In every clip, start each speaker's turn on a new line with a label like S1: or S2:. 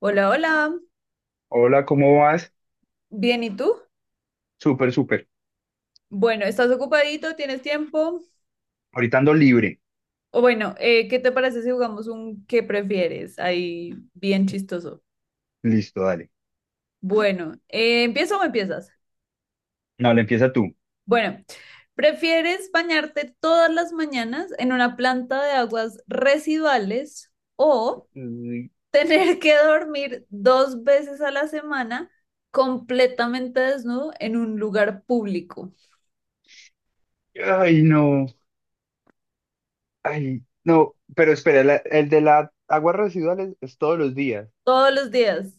S1: Hola, hola.
S2: Hola, ¿cómo vas?
S1: Bien, ¿y tú?
S2: Súper, súper.
S1: Bueno, ¿estás ocupadito? ¿Tienes tiempo?
S2: Ahorita ando libre.
S1: O bueno, ¿qué te parece si jugamos un qué prefieres? Ahí, bien chistoso.
S2: Listo, dale.
S1: Bueno, ¿empiezo o empiezas?
S2: No, le empieza tú.
S1: Bueno, ¿prefieres bañarte todas las mañanas en una planta de aguas residuales o
S2: Ay,
S1: tener que dormir dos veces a la semana completamente desnudo en un lugar público?
S2: ay, no. Ay, no. Pero espera, la- el de las aguas residuales es todos los días.
S1: Todos los días.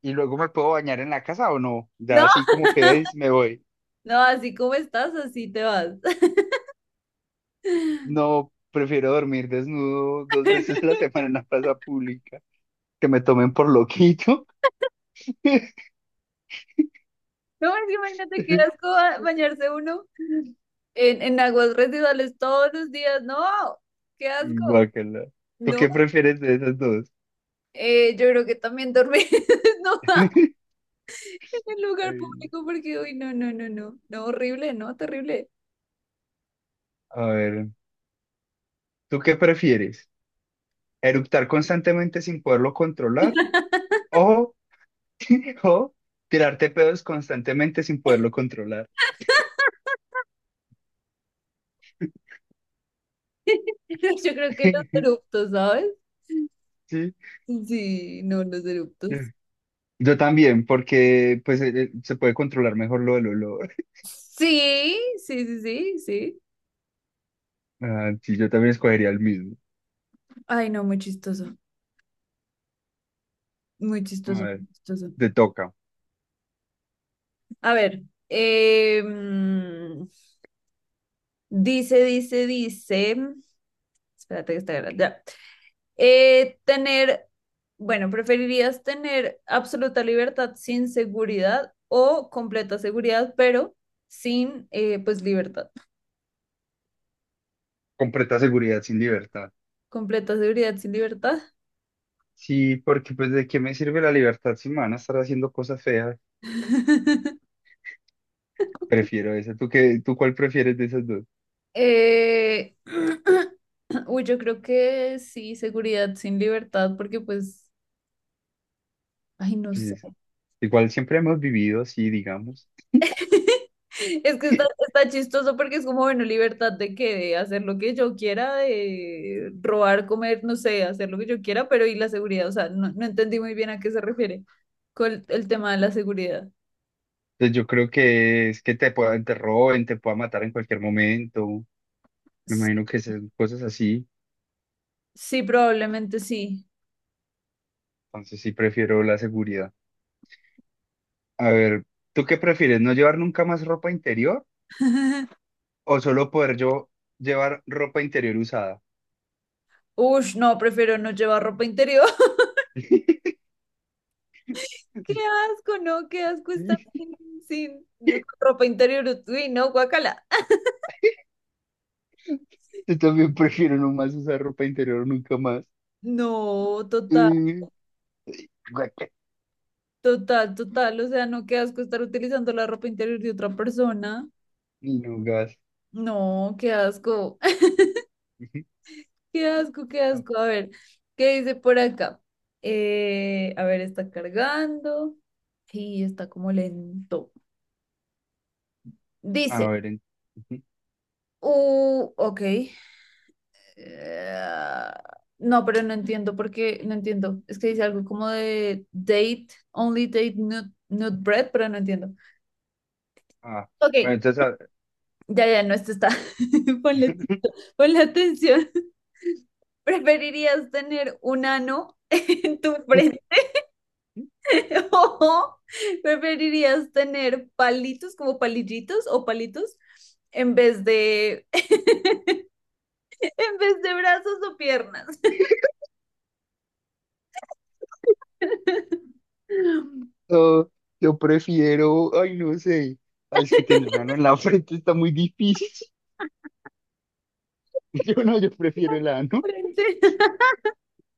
S2: ¿Y luego me puedo bañar en la casa o no? Ya
S1: ¿No?
S2: así como quedáis, me voy.
S1: No, así como estás, así te vas.
S2: No, prefiero dormir desnudo dos veces a la semana en la plaza pública. Que me tomen por loquito.
S1: No, es que imagínate qué asco bañarse uno en aguas residuales todos los días. No, qué asco.
S2: Guácala. ¿Tú
S1: No,
S2: qué prefieres de esas dos?
S1: yo creo que también dormir no, en el lugar
S2: Ay,
S1: público porque, uy, no, no, no, no, no, horrible, no, terrible.
S2: a ver, ¿tú qué prefieres? Eructar constantemente sin poderlo controlar o, o tirarte pedos constantemente sin poderlo controlar.
S1: Yo creo que los eruptos, ¿sabes?
S2: Sí.
S1: Sí, no, los eruptos.
S2: Yo también, porque pues se puede controlar mejor lo del olor.
S1: Sí, sí, sí, sí, sí.
S2: Ah, sí, yo también escogería el mismo.
S1: Ay, no, muy chistoso, muy
S2: A
S1: chistoso,
S2: ver,
S1: muy chistoso.
S2: te toca.
S1: A ver, em, dice, espérate que está grande, ya. Eh, tener, bueno, ¿preferirías tener absoluta libertad sin seguridad o completa seguridad, pero sin, pues, libertad?
S2: Completa seguridad sin libertad.
S1: Completa seguridad sin libertad.
S2: Sí, porque pues ¿de qué me sirve la libertad si me van a estar haciendo cosas feas? Prefiero esa. ¿Tú qué, tú cuál prefieres de esas dos?
S1: Eh, uy, yo creo que sí, seguridad sin libertad, porque pues, ay, no
S2: Pues,
S1: sé.
S2: esa. Igual siempre hemos vivido así, digamos.
S1: Es que está chistoso porque es como, bueno, libertad de que de hacer lo que yo quiera, de robar, comer, no sé, hacer lo que yo quiera, pero y la seguridad, o sea, no, no entendí muy bien a qué se refiere con el tema de la seguridad.
S2: Entonces yo creo que es que te puedan, te roben, te puedan matar en cualquier momento. Me imagino
S1: Sí,
S2: que son cosas así.
S1: sí, probablemente sí.
S2: Entonces sí prefiero la seguridad. A ver, ¿tú qué prefieres? ¿No llevar nunca más ropa interior o solo poder yo llevar ropa interior usada?
S1: Ush, no, prefiero no llevar ropa interior. Qué asco, no, qué asco estar sin, sin ropa interior. Uy, no, guacala.
S2: Yo también prefiero no más usar ropa interior nunca más.
S1: No, total.
S2: Eh, guaca,
S1: Total, total, o sea, no, qué asco estar utilizando la ropa interior de otra persona.
S2: y no gas.
S1: No, qué asco, qué asco, qué asco. A ver, ¿qué dice por acá? A ver, está cargando y está como lento.
S2: A
S1: Dice,
S2: ver, en-
S1: ok. eh, no, pero no entiendo porque no entiendo. Es que dice algo como de date, only date, not, not bread, pero no entiendo.
S2: ah, bueno,
S1: Ok,
S2: entonces a-
S1: ya, ya, no, esto está. Ponle, atención- ponle atención. ¿Preferirías tener un ano en tu frente o preferirías tener palitos como palillitos o palitos en vez de en vez de brazos o piernas?
S2: No, yo prefiero, ay, no sé, ay, es que tener una ano en la frente está muy difícil. Yo no, yo prefiero el ano.
S1: Frente.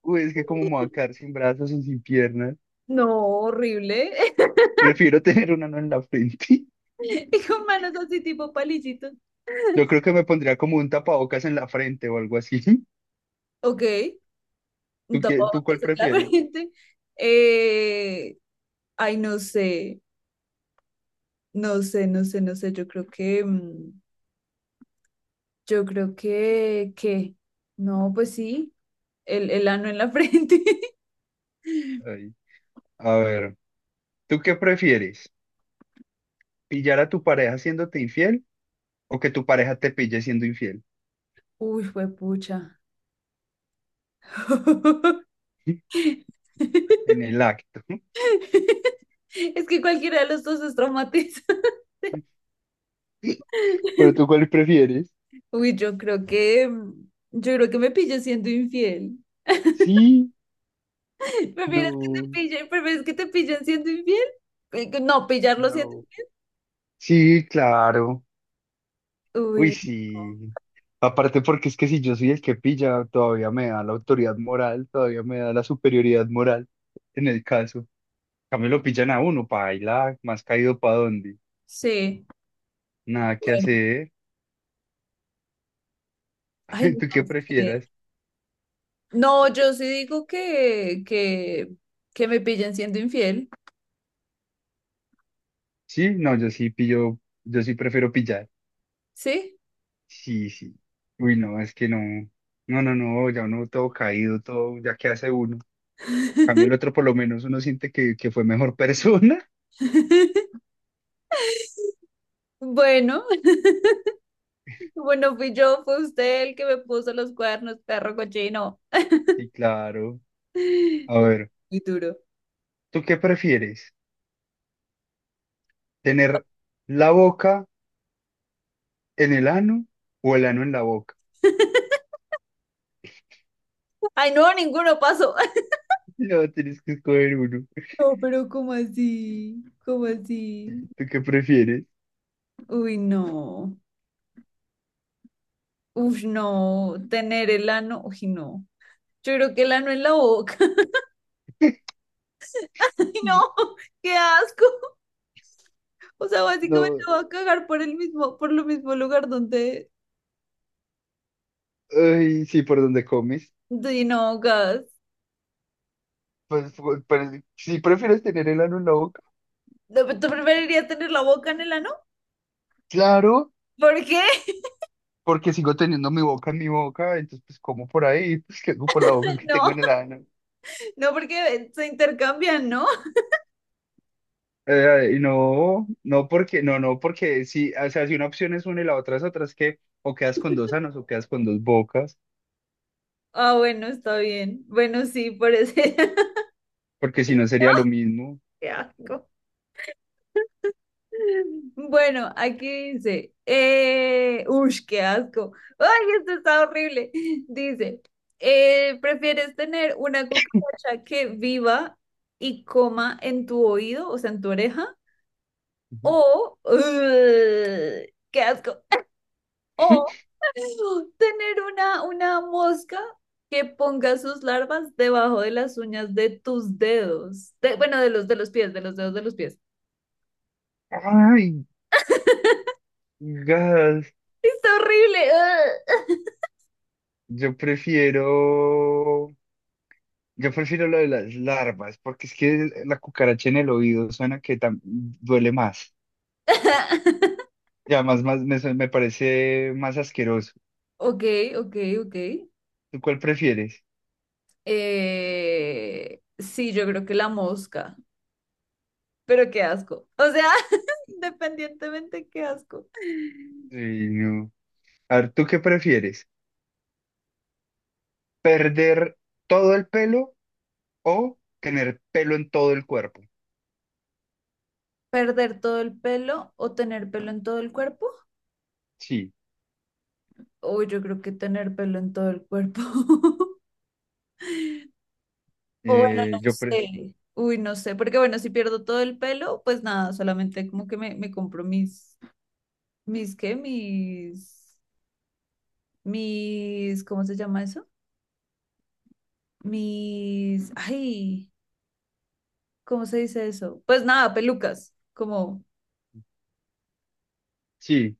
S2: O es que como me voy a quedar sin brazos y sin piernas,
S1: No, horrible.
S2: prefiero tener un ano en la frente.
S1: Y con manos así tipo palillitos.
S2: Yo creo que me pondría como un tapabocas en la frente o algo así.
S1: Ok, un
S2: ¿Tú qué, tú cuál
S1: tapabocas en la
S2: prefieres?
S1: frente. Eh, ay, no sé, no sé, no sé, no sé. Yo creo que, yo creo que, no, pues sí, el ano en la frente.
S2: Ay, a ver, ¿tú qué prefieres? ¿Pillar a tu pareja siéndote infiel o que tu pareja te pille siendo infiel
S1: Uy, fue pucha.
S2: en el acto?
S1: Es que cualquiera de los dos es traumatiza.
S2: ¿Pero tú cuál prefieres?
S1: Uy, yo creo que, yo creo que me pillo siendo infiel.
S2: Sí, no.
S1: Prefieres que te pillen siendo infiel? Que No, pillarlo siendo
S2: No.
S1: infiel.
S2: Sí, claro. Uy,
S1: Uy. No.
S2: sí. Aparte porque es que si yo soy el que pilla, todavía me da la autoridad moral, todavía me da la superioridad moral en el caso. También lo pillan a uno, paila, más caído para dónde.
S1: Sí,
S2: Nada que
S1: bueno,
S2: hacer.
S1: ay,
S2: ¿Tú qué
S1: no sé.
S2: prefieras?
S1: No, yo sí digo que me pillen siendo infiel,
S2: Sí, no, yo sí pillo, yo sí prefiero pillar.
S1: ¿sí?
S2: Sí, sí. Uy, no, es que no. No, no, no, ya uno todo caído, todo, ya qué hace uno. Cambio el otro, por lo menos uno siente que fue mejor persona.
S1: Bueno, bueno, fue usted el que me puso los cuernos, perro cochino.
S2: Sí, claro. A ver,
S1: Muy duro.
S2: ¿tú qué prefieres? ¿Tener la boca en el ano o el ano en la boca?
S1: Ay, no, ninguno pasó.
S2: No, tienes que escoger uno.
S1: No, pero ¿cómo así? ¿Cómo así?
S2: ¿Tú qué prefieres?
S1: Uy, no. Uf, no. Tener el ano, uy, no. Yo creo que el ano en la boca. Ay, no, qué asco. O sea, básicamente
S2: No,
S1: va a cagar por el mismo, por lo mismo lugar donde,
S2: ay, sí, por donde comes.
S1: donde no gas.
S2: Pues, si prefieres tener el ano en la boca,
S1: ¿Tú preferirías tener la boca en el ano?
S2: claro,
S1: ¿Por qué?
S2: porque sigo teniendo mi boca en mi boca, entonces pues como por ahí, pues que hago por la boca que tengo
S1: No,
S2: en el ano.
S1: no, porque se intercambian, ¿no?
S2: Y no, no porque, no, no porque si, o sea, si una opción es una y la otra, es que o quedas con dos anos o quedas con dos bocas.
S1: Ah, bueno, está bien. Bueno, sí, por ese.
S2: Porque si no sería lo mismo.
S1: Qué asco. Bueno, aquí dice, uy, qué asco. Ay, esto está horrible. Dice, ¿prefieres tener una cucaracha que viva y coma en tu oído, o sea, en tu oreja?
S2: Ujú.
S1: O, ugh, qué asco. O tener una mosca que ponga sus larvas debajo de las uñas de tus dedos. Bueno, de los pies, de los dedos de los pies.
S2: Ay, gas.
S1: Está horrible.
S2: Yo prefiero, yo prefiero lo de las larvas, porque es que la cucaracha en el oído suena que tam- duele más.
S1: Ugh.
S2: Y además más, me, su- me parece más asqueroso.
S1: Ok, ok, ok.
S2: ¿Tú cuál prefieres?
S1: Sí, yo creo que la mosca, pero qué asco. O sea, independientemente, qué asco.
S2: Ay, no. A ver, ¿tú qué prefieres? ¿Perder todo el pelo o tener pelo en todo el cuerpo?
S1: ¿Perder todo el pelo o tener pelo en todo el cuerpo?
S2: Sí,
S1: Uy, yo creo que tener pelo en todo el cuerpo. O bueno, no
S2: yo pre-
S1: sé. Uy, no sé, porque bueno, si pierdo todo el pelo, pues nada, solamente como que me compro mis, mis, ¿qué? Mis, mis, ¿cómo se llama eso? Mis, ay. ¿Cómo se dice eso? Pues nada, pelucas, como
S2: sí,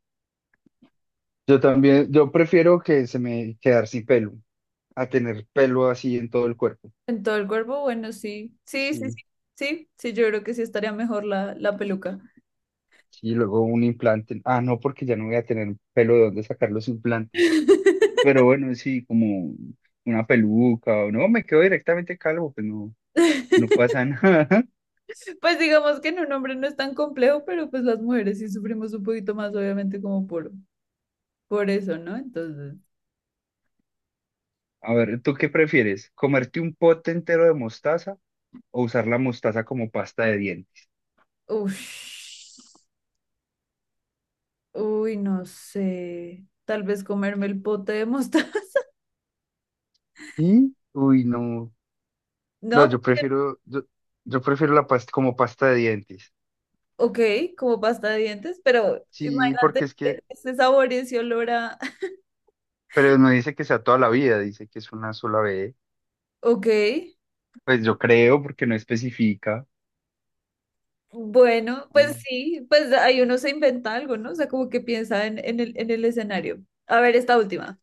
S2: yo también, yo prefiero que se me quedar sin pelo a tener pelo así en todo el cuerpo.
S1: en todo el cuerpo, bueno, sí, sí, sí,
S2: Sí,
S1: sí, sí, sí, yo creo que sí estaría mejor la peluca.
S2: sí, luego un implante. Ah, no, porque ya no voy a tener pelo de dónde sacar los implantes. Pero bueno, sí, como una peluca o no, me quedo directamente calvo, pues no, no pasa nada.
S1: Pues digamos que en un hombre no es tan complejo, pero pues las mujeres sí sufrimos un poquito más, obviamente, como por eso, ¿no? Entonces,
S2: A ver, ¿tú qué prefieres? ¿Comerte un pote entero de mostaza o usar la mostaza como pasta de dientes?
S1: uff, uy, no sé, tal vez comerme el pote de mostaza,
S2: ¿Sí? Uy, no. No,
S1: ¿no?
S2: yo prefiero, yo prefiero la pasta como pasta de dientes.
S1: Porque, ok, como pasta de dientes, pero
S2: Sí, porque
S1: imagínate
S2: es que,
S1: ese sabor y ese olor a...
S2: pero no dice que sea toda la vida, dice que es una sola vez.
S1: Ok,
S2: Pues yo creo porque no especifica.
S1: bueno, pues
S2: Mm.
S1: sí, pues ahí uno se inventa algo, ¿no? O sea, como que piensa en en el escenario. A ver, esta última.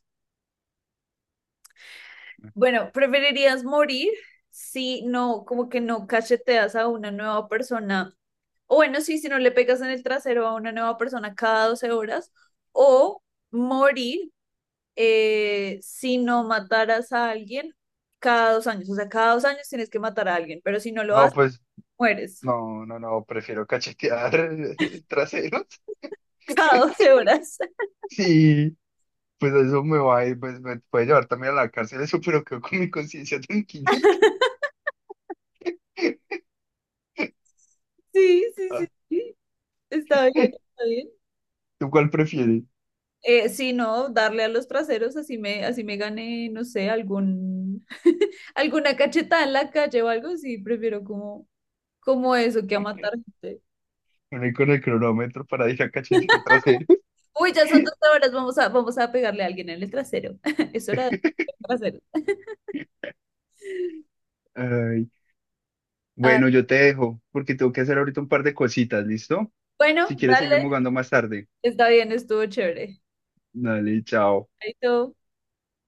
S1: Bueno, ¿preferirías morir si no, como que no cacheteas a una nueva persona? O bueno, sí, si no le pegas en el trasero a una nueva persona cada 12 horas. O morir si no mataras a alguien cada 2 años. O sea, cada 2 años tienes que matar a alguien, pero si no lo
S2: No,
S1: haces,
S2: pues,
S1: mueres
S2: no, prefiero cachetear traseros.
S1: cada 12 horas.
S2: Sí, pues eso me va a ir, pues me puede llevar también a la cárcel eso, pero quedo con mi conciencia tranquilita.
S1: Sí, sí, sí.
S2: Ah,
S1: sí. Está bien, está bien.
S2: ¿tú cuál prefieres?
S1: Si no, darle a los traseros, así me gane, no sé, algún, alguna cachetada en la calle o algo, sí, prefiero como, como eso que a matar gente.
S2: ¿Venir con el cronómetro para ir a cachetear traseros?
S1: Uy, ya son dos horas, vamos a, vamos a pegarle a alguien en el trasero. Es hora de pegarle en el trasero.
S2: Ay,
S1: Ah,
S2: bueno, yo te dejo porque tengo que hacer ahorita un par de cositas, ¿listo?
S1: bueno,
S2: Si quieres,
S1: dale,
S2: seguimos jugando más tarde.
S1: está bien, estuvo chévere.
S2: Dale, chao.
S1: Chaito.